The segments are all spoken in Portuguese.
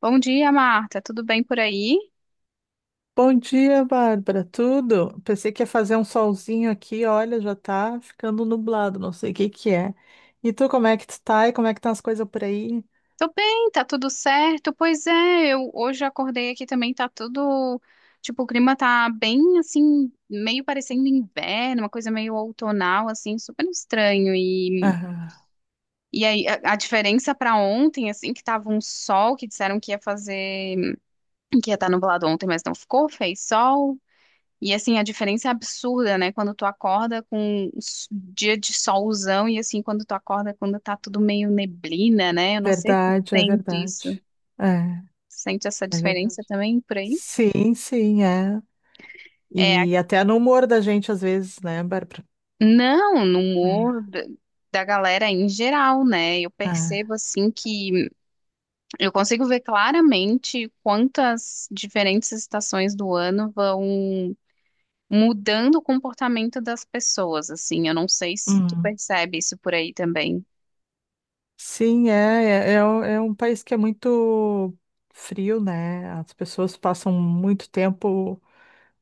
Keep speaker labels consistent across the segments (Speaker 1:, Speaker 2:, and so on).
Speaker 1: Bom dia, Marta. Tudo bem por aí?
Speaker 2: Bom dia, Bárbara. Tudo? Pensei que ia fazer um solzinho aqui, olha, já tá ficando nublado, não sei o que que é. E tu, como é que tu tá? E como é que estão as coisas por aí?
Speaker 1: Tô bem, tá tudo certo. Pois é, eu hoje acordei aqui também, tá tudo, tipo, o clima tá bem assim, meio parecendo inverno, uma coisa meio outonal assim, super estranho. E
Speaker 2: Ah,
Speaker 1: e aí a diferença pra ontem, assim, que tava um sol que disseram que ia fazer, que ia estar nublado ontem, mas não ficou, fez sol. E assim, a diferença é absurda, né? Quando tu acorda com dia de solzão e assim, quando tu acorda quando tá tudo meio neblina, né? Eu não sei se tu sente isso.
Speaker 2: verdade. É,
Speaker 1: Sente essa
Speaker 2: é verdade.
Speaker 1: diferença também por aí?
Speaker 2: Sim, sim, é.
Speaker 1: É, a-
Speaker 2: E até no humor da gente, às vezes, né, Bárbara?
Speaker 1: não, no humor
Speaker 2: É,
Speaker 1: da galera em geral, né? Eu
Speaker 2: é.
Speaker 1: percebo assim que eu consigo ver claramente quantas diferentes estações do ano vão mudando o comportamento das pessoas, assim. Eu não sei se tu
Speaker 2: Hum.
Speaker 1: percebe isso por aí também.
Speaker 2: Sim, é, é um país que é muito frio, né? As pessoas passam muito tempo.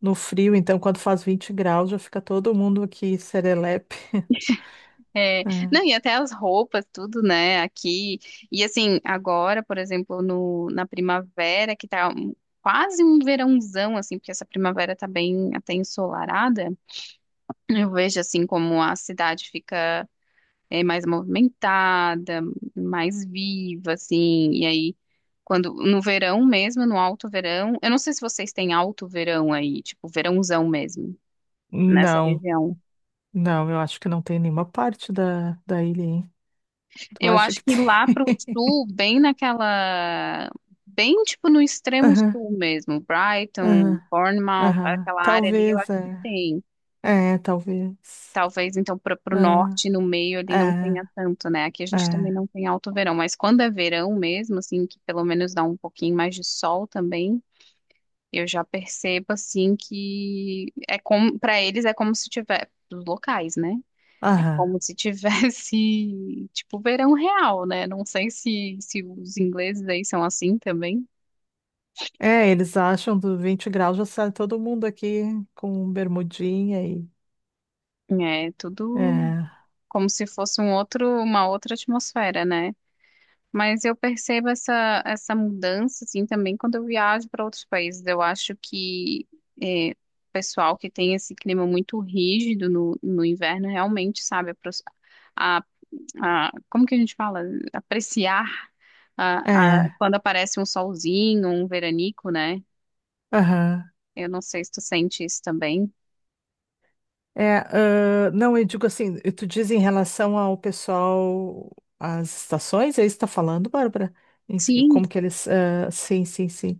Speaker 2: no frio, então quando faz 20 graus já fica todo mundo aqui serelepe.
Speaker 1: É, não,
Speaker 2: É.
Speaker 1: e até as roupas, tudo, né, aqui. E assim, agora, por exemplo, no, na primavera, que tá quase um verãozão, assim, porque essa primavera tá bem até ensolarada, eu vejo, assim, como a cidade fica é, mais movimentada, mais viva, assim, e aí, quando, no verão mesmo, no alto verão, eu não sei se vocês têm alto verão aí, tipo, verãozão mesmo, nessa
Speaker 2: Não,
Speaker 1: região.
Speaker 2: não, eu acho que não tem nenhuma parte da ilha, hein? Tu
Speaker 1: Eu
Speaker 2: acha
Speaker 1: acho
Speaker 2: que
Speaker 1: que
Speaker 2: tem?
Speaker 1: lá pro sul, bem naquela. Bem tipo no extremo
Speaker 2: Aham,
Speaker 1: sul mesmo, Brighton,
Speaker 2: aham,
Speaker 1: Bournemouth,
Speaker 2: aham.
Speaker 1: aquela área ali, eu acho
Speaker 2: Talvez,
Speaker 1: que
Speaker 2: é.
Speaker 1: tem.
Speaker 2: É, talvez.
Speaker 1: Talvez então para o norte, no meio
Speaker 2: É,
Speaker 1: ali não tenha
Speaker 2: é,
Speaker 1: tanto, né? Aqui a gente também
Speaker 2: é.
Speaker 1: não tem alto verão, mas quando é verão mesmo, assim, que pelo menos dá um pouquinho mais de sol também, eu já percebo assim que é como para eles é como se tiver dos locais, né? É
Speaker 2: Aham.
Speaker 1: como se tivesse, tipo, verão real, né? Não sei se os ingleses aí são assim também.
Speaker 2: É, eles acham do 20 graus já sai todo mundo aqui com bermudinha e.
Speaker 1: É tudo
Speaker 2: É,
Speaker 1: como se fosse uma outra atmosfera, né? Mas eu percebo essa mudança, assim, também quando eu viajo para outros países. Eu acho que é, o pessoal que tem esse clima muito rígido no inverno realmente sabe a, como que a gente fala? Apreciar a,
Speaker 2: é,
Speaker 1: quando aparece um solzinho, um veranico, né?
Speaker 2: aham.
Speaker 1: Eu não sei se tu sente isso também.
Speaker 2: É, ah, não, eu digo assim, tu diz em relação ao pessoal, às estações, é isso que tá falando, Bárbara? Si,
Speaker 1: Sim,
Speaker 2: como que eles, ah, sim, sim, sim.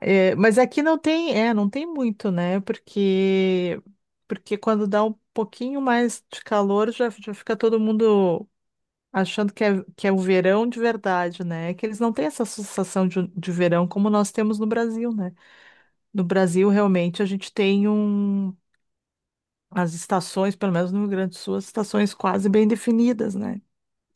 Speaker 2: É, é, mas aqui não tem, é, não tem muito, né? Porque quando dá um pouquinho mais de calor, já fica todo mundo achando que é o verão de verdade, né? É que eles não têm essa sensação de verão como nós temos no Brasil, né? No Brasil, realmente, a gente tem as estações, pelo menos no Rio Grande do Sul, as estações quase bem definidas, né?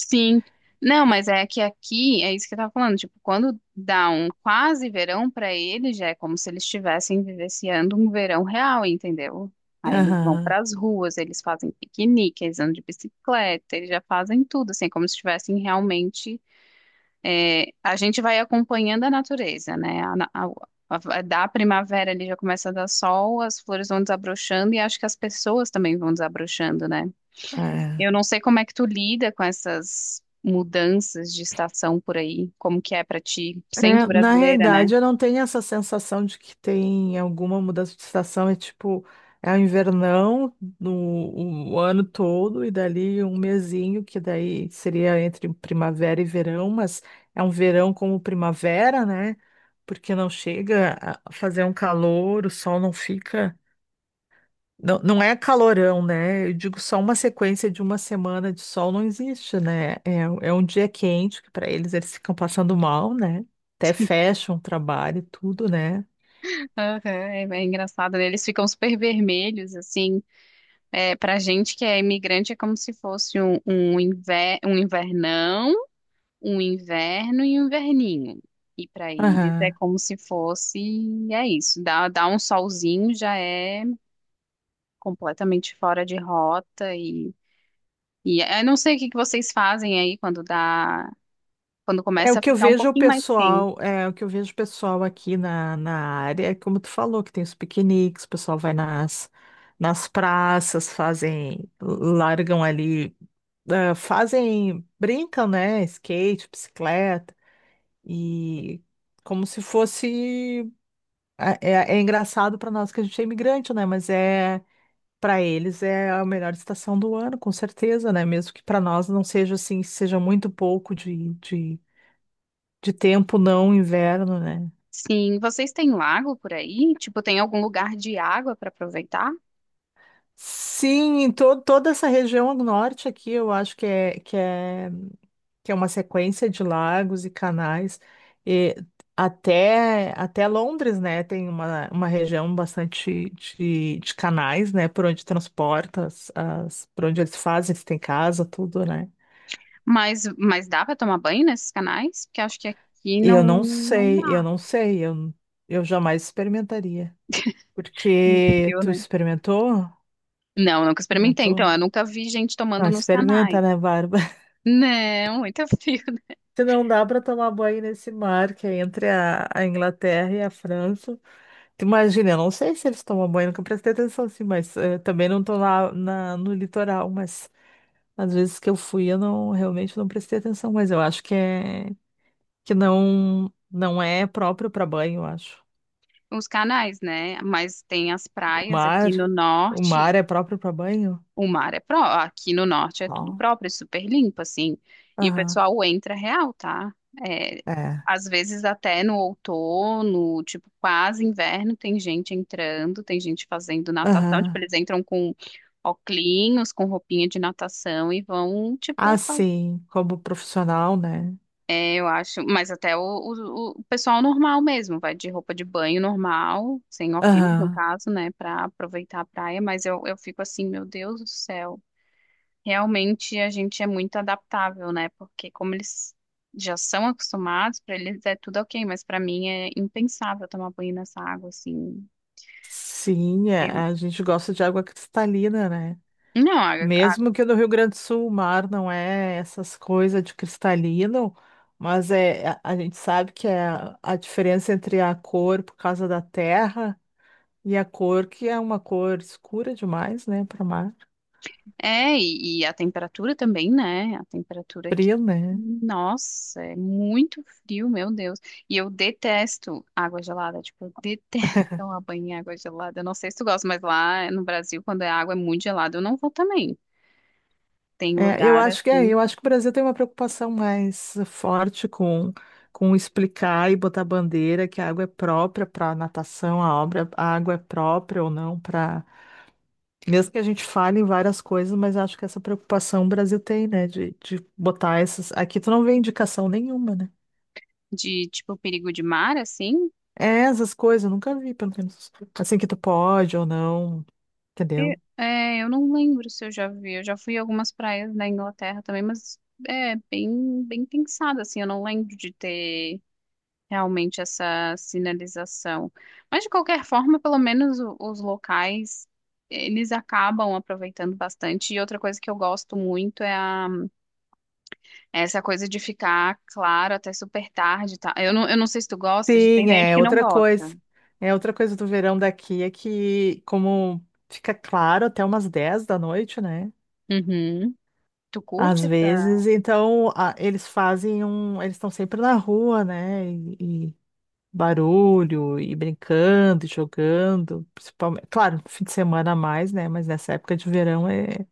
Speaker 1: sim. Não, mas é que aqui, é isso que eu tava falando, tipo, quando dá um quase verão pra eles, já é como se eles estivessem vivenciando um verão real, entendeu? Aí eles vão
Speaker 2: Aham,
Speaker 1: pras ruas, eles fazem piquenique, eles andam de bicicleta, eles já fazem tudo, assim, é como se estivessem realmente. É, a gente vai acompanhando a natureza, né? A, na- a- Da primavera ali já começa a dar sol, as flores vão desabrochando e acho que as pessoas também vão desabrochando, né?
Speaker 2: é.
Speaker 1: Eu não sei como é que tu lida com essas mudanças de estação por aí, como que é pra ti, sendo
Speaker 2: É, na
Speaker 1: brasileira, né?
Speaker 2: realidade, eu não tenho essa sensação de que tem alguma mudança de estação. É tipo, é o invernão no, o ano todo, e dali um mesinho, que daí seria entre primavera e verão, mas é um verão como primavera, né? Porque não chega a fazer um calor, o sol não fica. Não, não é calorão, né? Eu digo só uma sequência de uma semana de sol não existe, né? É, é um dia quente que para eles ficam passando mal, né? Até fecham o trabalho e tudo, né?
Speaker 1: Aham, é, é engraçado, né? Eles ficam super vermelhos, assim. É, pra gente que é imigrante é como se fosse um invernão, um inverno e um inverninho. E pra eles é
Speaker 2: Aham.
Speaker 1: como se fosse, é isso, dá um solzinho já é completamente fora de rota e eu não sei o que que vocês fazem aí quando
Speaker 2: É o
Speaker 1: começa a
Speaker 2: que eu
Speaker 1: ficar um
Speaker 2: vejo o
Speaker 1: pouquinho mais quente.
Speaker 2: pessoal, é o que eu vejo o pessoal aqui na, área, é como tu falou, que tem os piqueniques, o pessoal vai nas praças, fazem, largam ali, ah, fazem, brincam, né? Skate, bicicleta. E como se fosse. É, é engraçado para nós que a gente é imigrante, né? Mas é. Para eles é a melhor estação do ano, com certeza, né? Mesmo que para nós não seja assim, seja muito pouco de tempo, não inverno, né?
Speaker 1: Sim, vocês têm lago por aí? Tipo, tem algum lugar de água para aproveitar?
Speaker 2: Sim, em to toda essa região do norte aqui, eu acho que é. Que é uma sequência de lagos e canais, e até Londres, né, tem uma região bastante de canais, né, por onde transporta, por onde eles fazem, se tem casa, tudo, né.
Speaker 1: Mas dá para tomar banho nesses canais? Porque acho que aqui
Speaker 2: E eu não
Speaker 1: não
Speaker 2: sei, eu
Speaker 1: dá.
Speaker 2: não sei, eu jamais experimentaria,
Speaker 1: Muito
Speaker 2: porque
Speaker 1: frio,
Speaker 2: tu
Speaker 1: né?
Speaker 2: experimentou?
Speaker 1: Não, nunca experimentei.
Speaker 2: Experimentou?
Speaker 1: Então, eu nunca vi gente
Speaker 2: Não,
Speaker 1: tomando nos
Speaker 2: experimenta,
Speaker 1: canais.
Speaker 2: né, Bárbara?
Speaker 1: Não, muito frio.
Speaker 2: Se não dá para tomar banho nesse mar que é entre a Inglaterra e a França, imagina, eu não sei se eles tomam banho, nunca prestei atenção assim, mas também não tô lá no litoral, mas às vezes que eu fui eu realmente não prestei atenção, mas eu acho que é que não é próprio para banho, eu acho.
Speaker 1: Os canais, né? Mas tem as
Speaker 2: O
Speaker 1: praias aqui
Speaker 2: mar,
Speaker 1: no
Speaker 2: o
Speaker 1: norte.
Speaker 2: mar é próprio para banho?
Speaker 1: O mar é próprio. Aqui no norte é tudo
Speaker 2: Ó,
Speaker 1: próprio, é super limpo, assim. E o
Speaker 2: aham.
Speaker 1: pessoal entra real, tá? É,
Speaker 2: É.
Speaker 1: às vezes até no outono, tipo, quase inverno, tem gente entrando, tem gente fazendo natação. Tipo,
Speaker 2: Aham.
Speaker 1: eles entram com oclinhos, com roupinha de natação e vão,
Speaker 2: Ah,
Speaker 1: tipo,
Speaker 2: sim, como profissional, né?
Speaker 1: é, eu acho. Mas até o pessoal normal mesmo, vai de roupa de banho normal, sem oclinhos, no
Speaker 2: Aham.
Speaker 1: caso, né, pra aproveitar a praia. Mas eu fico assim, meu Deus do céu. Realmente a gente é muito adaptável, né? Porque como eles já são acostumados, para eles é tudo ok, mas para mim é impensável tomar banho nessa água assim.
Speaker 2: Sim, é,
Speaker 1: Eu-
Speaker 2: a gente gosta de água cristalina, né?
Speaker 1: Não, a-
Speaker 2: Mesmo que no Rio Grande do Sul o mar não é essas coisas de cristalino, mas é, a gente sabe que é a diferença entre a cor por causa da terra e a cor que é uma cor escura demais, né, para mar,
Speaker 1: É, e a temperatura também, né? A temperatura aqui.
Speaker 2: frio, né?
Speaker 1: Nossa, é muito frio, meu Deus. E eu detesto água gelada, tipo, eu detesto tomar banho em água gelada. Eu não sei se tu gosta, mas lá no Brasil, quando a água é muito gelada, eu não vou também. Tem
Speaker 2: É, eu
Speaker 1: lugar
Speaker 2: acho que é,
Speaker 1: assim
Speaker 2: eu acho que o Brasil tem uma preocupação mais forte com explicar e botar bandeira que a água é própria para natação, a obra, a água é própria ou não para. Mesmo que a gente fale em várias coisas, mas acho que essa preocupação o Brasil tem, né? De botar essas. Aqui tu não vê indicação nenhuma, né?
Speaker 1: de tipo perigo de mar, assim.
Speaker 2: É, essas coisas, eu nunca vi, pelo menos. Assim que tu pode ou não, entendeu?
Speaker 1: É, eu não lembro se eu já vi. Eu já fui em algumas praias da Inglaterra também, mas é bem pensada, assim. Eu não lembro de ter realmente essa sinalização. Mas, de qualquer forma, pelo menos os locais, eles acabam aproveitando bastante. E outra coisa que eu gosto muito é é essa coisa de ficar claro até super tarde, tá? Eu não sei se tu gosta, tem
Speaker 2: Sim,
Speaker 1: gente
Speaker 2: é
Speaker 1: que não
Speaker 2: outra coisa.
Speaker 1: gosta.
Speaker 2: É outra coisa do verão daqui é que, como fica claro até umas 10 da noite, né?
Speaker 1: Uhum. Tu
Speaker 2: Às
Speaker 1: curte essa?
Speaker 2: vezes, então eles fazem um. Eles estão sempre na rua, né? E, barulho e brincando, e jogando, principalmente, claro, no fim de semana a mais, né? Mas nessa época de verão é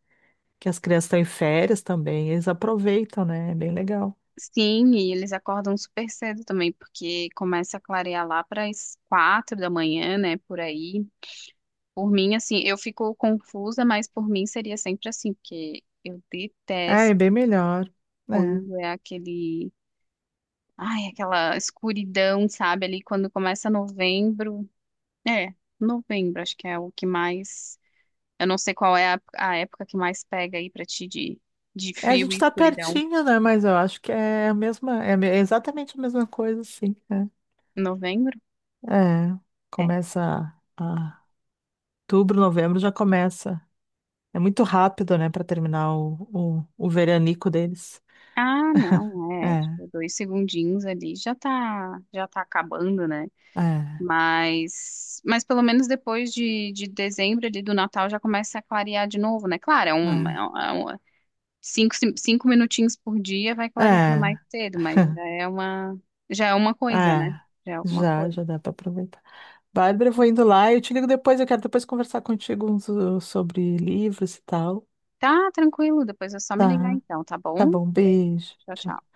Speaker 2: que as crianças estão em férias também, eles aproveitam, né? É bem legal.
Speaker 1: Sim, e eles acordam super cedo também, porque começa a clarear lá para as 4 da manhã, né? Por aí. Por mim, assim, eu fico confusa, mas por mim seria sempre assim, porque eu
Speaker 2: É, é
Speaker 1: detesto
Speaker 2: bem melhor,
Speaker 1: quando
Speaker 2: né?
Speaker 1: é aquele. Ai, aquela escuridão, sabe? Ali quando começa novembro. É, novembro, acho que é o que mais. Eu não sei qual é a época que mais pega aí pra ti de
Speaker 2: É, a
Speaker 1: frio
Speaker 2: gente
Speaker 1: e
Speaker 2: tá
Speaker 1: escuridão.
Speaker 2: pertinho, né? Mas eu acho que é a mesma, é exatamente a mesma coisa, assim, né?
Speaker 1: Novembro?
Speaker 2: É,
Speaker 1: É.
Speaker 2: começa a, a- outubro, novembro já começa. É muito rápido, né, para terminar o veranico deles.
Speaker 1: Ah, não, é,
Speaker 2: É,
Speaker 1: tipo, dois segundinhos ali já tá acabando, né?
Speaker 2: é,
Speaker 1: Mas pelo menos depois de dezembro ali do Natal já começa a clarear de novo, né? Claro, é é um- 5, 5 minutinhos por dia vai
Speaker 2: é.
Speaker 1: clareando mais
Speaker 2: É.
Speaker 1: cedo, mas já é uma coisa, né?
Speaker 2: É,
Speaker 1: Já é alguma
Speaker 2: já,
Speaker 1: coisa.
Speaker 2: já dá para aproveitar. Bárbara, eu vou indo lá, eu te ligo depois, eu quero depois conversar contigo sobre livros e tal.
Speaker 1: Tá, tranquilo, depois é só me ligar
Speaker 2: Tá,
Speaker 1: então, tá bom?
Speaker 2: tá bom,
Speaker 1: Beijo,
Speaker 2: beijo.
Speaker 1: tchau,
Speaker 2: Tchau.
Speaker 1: tchau.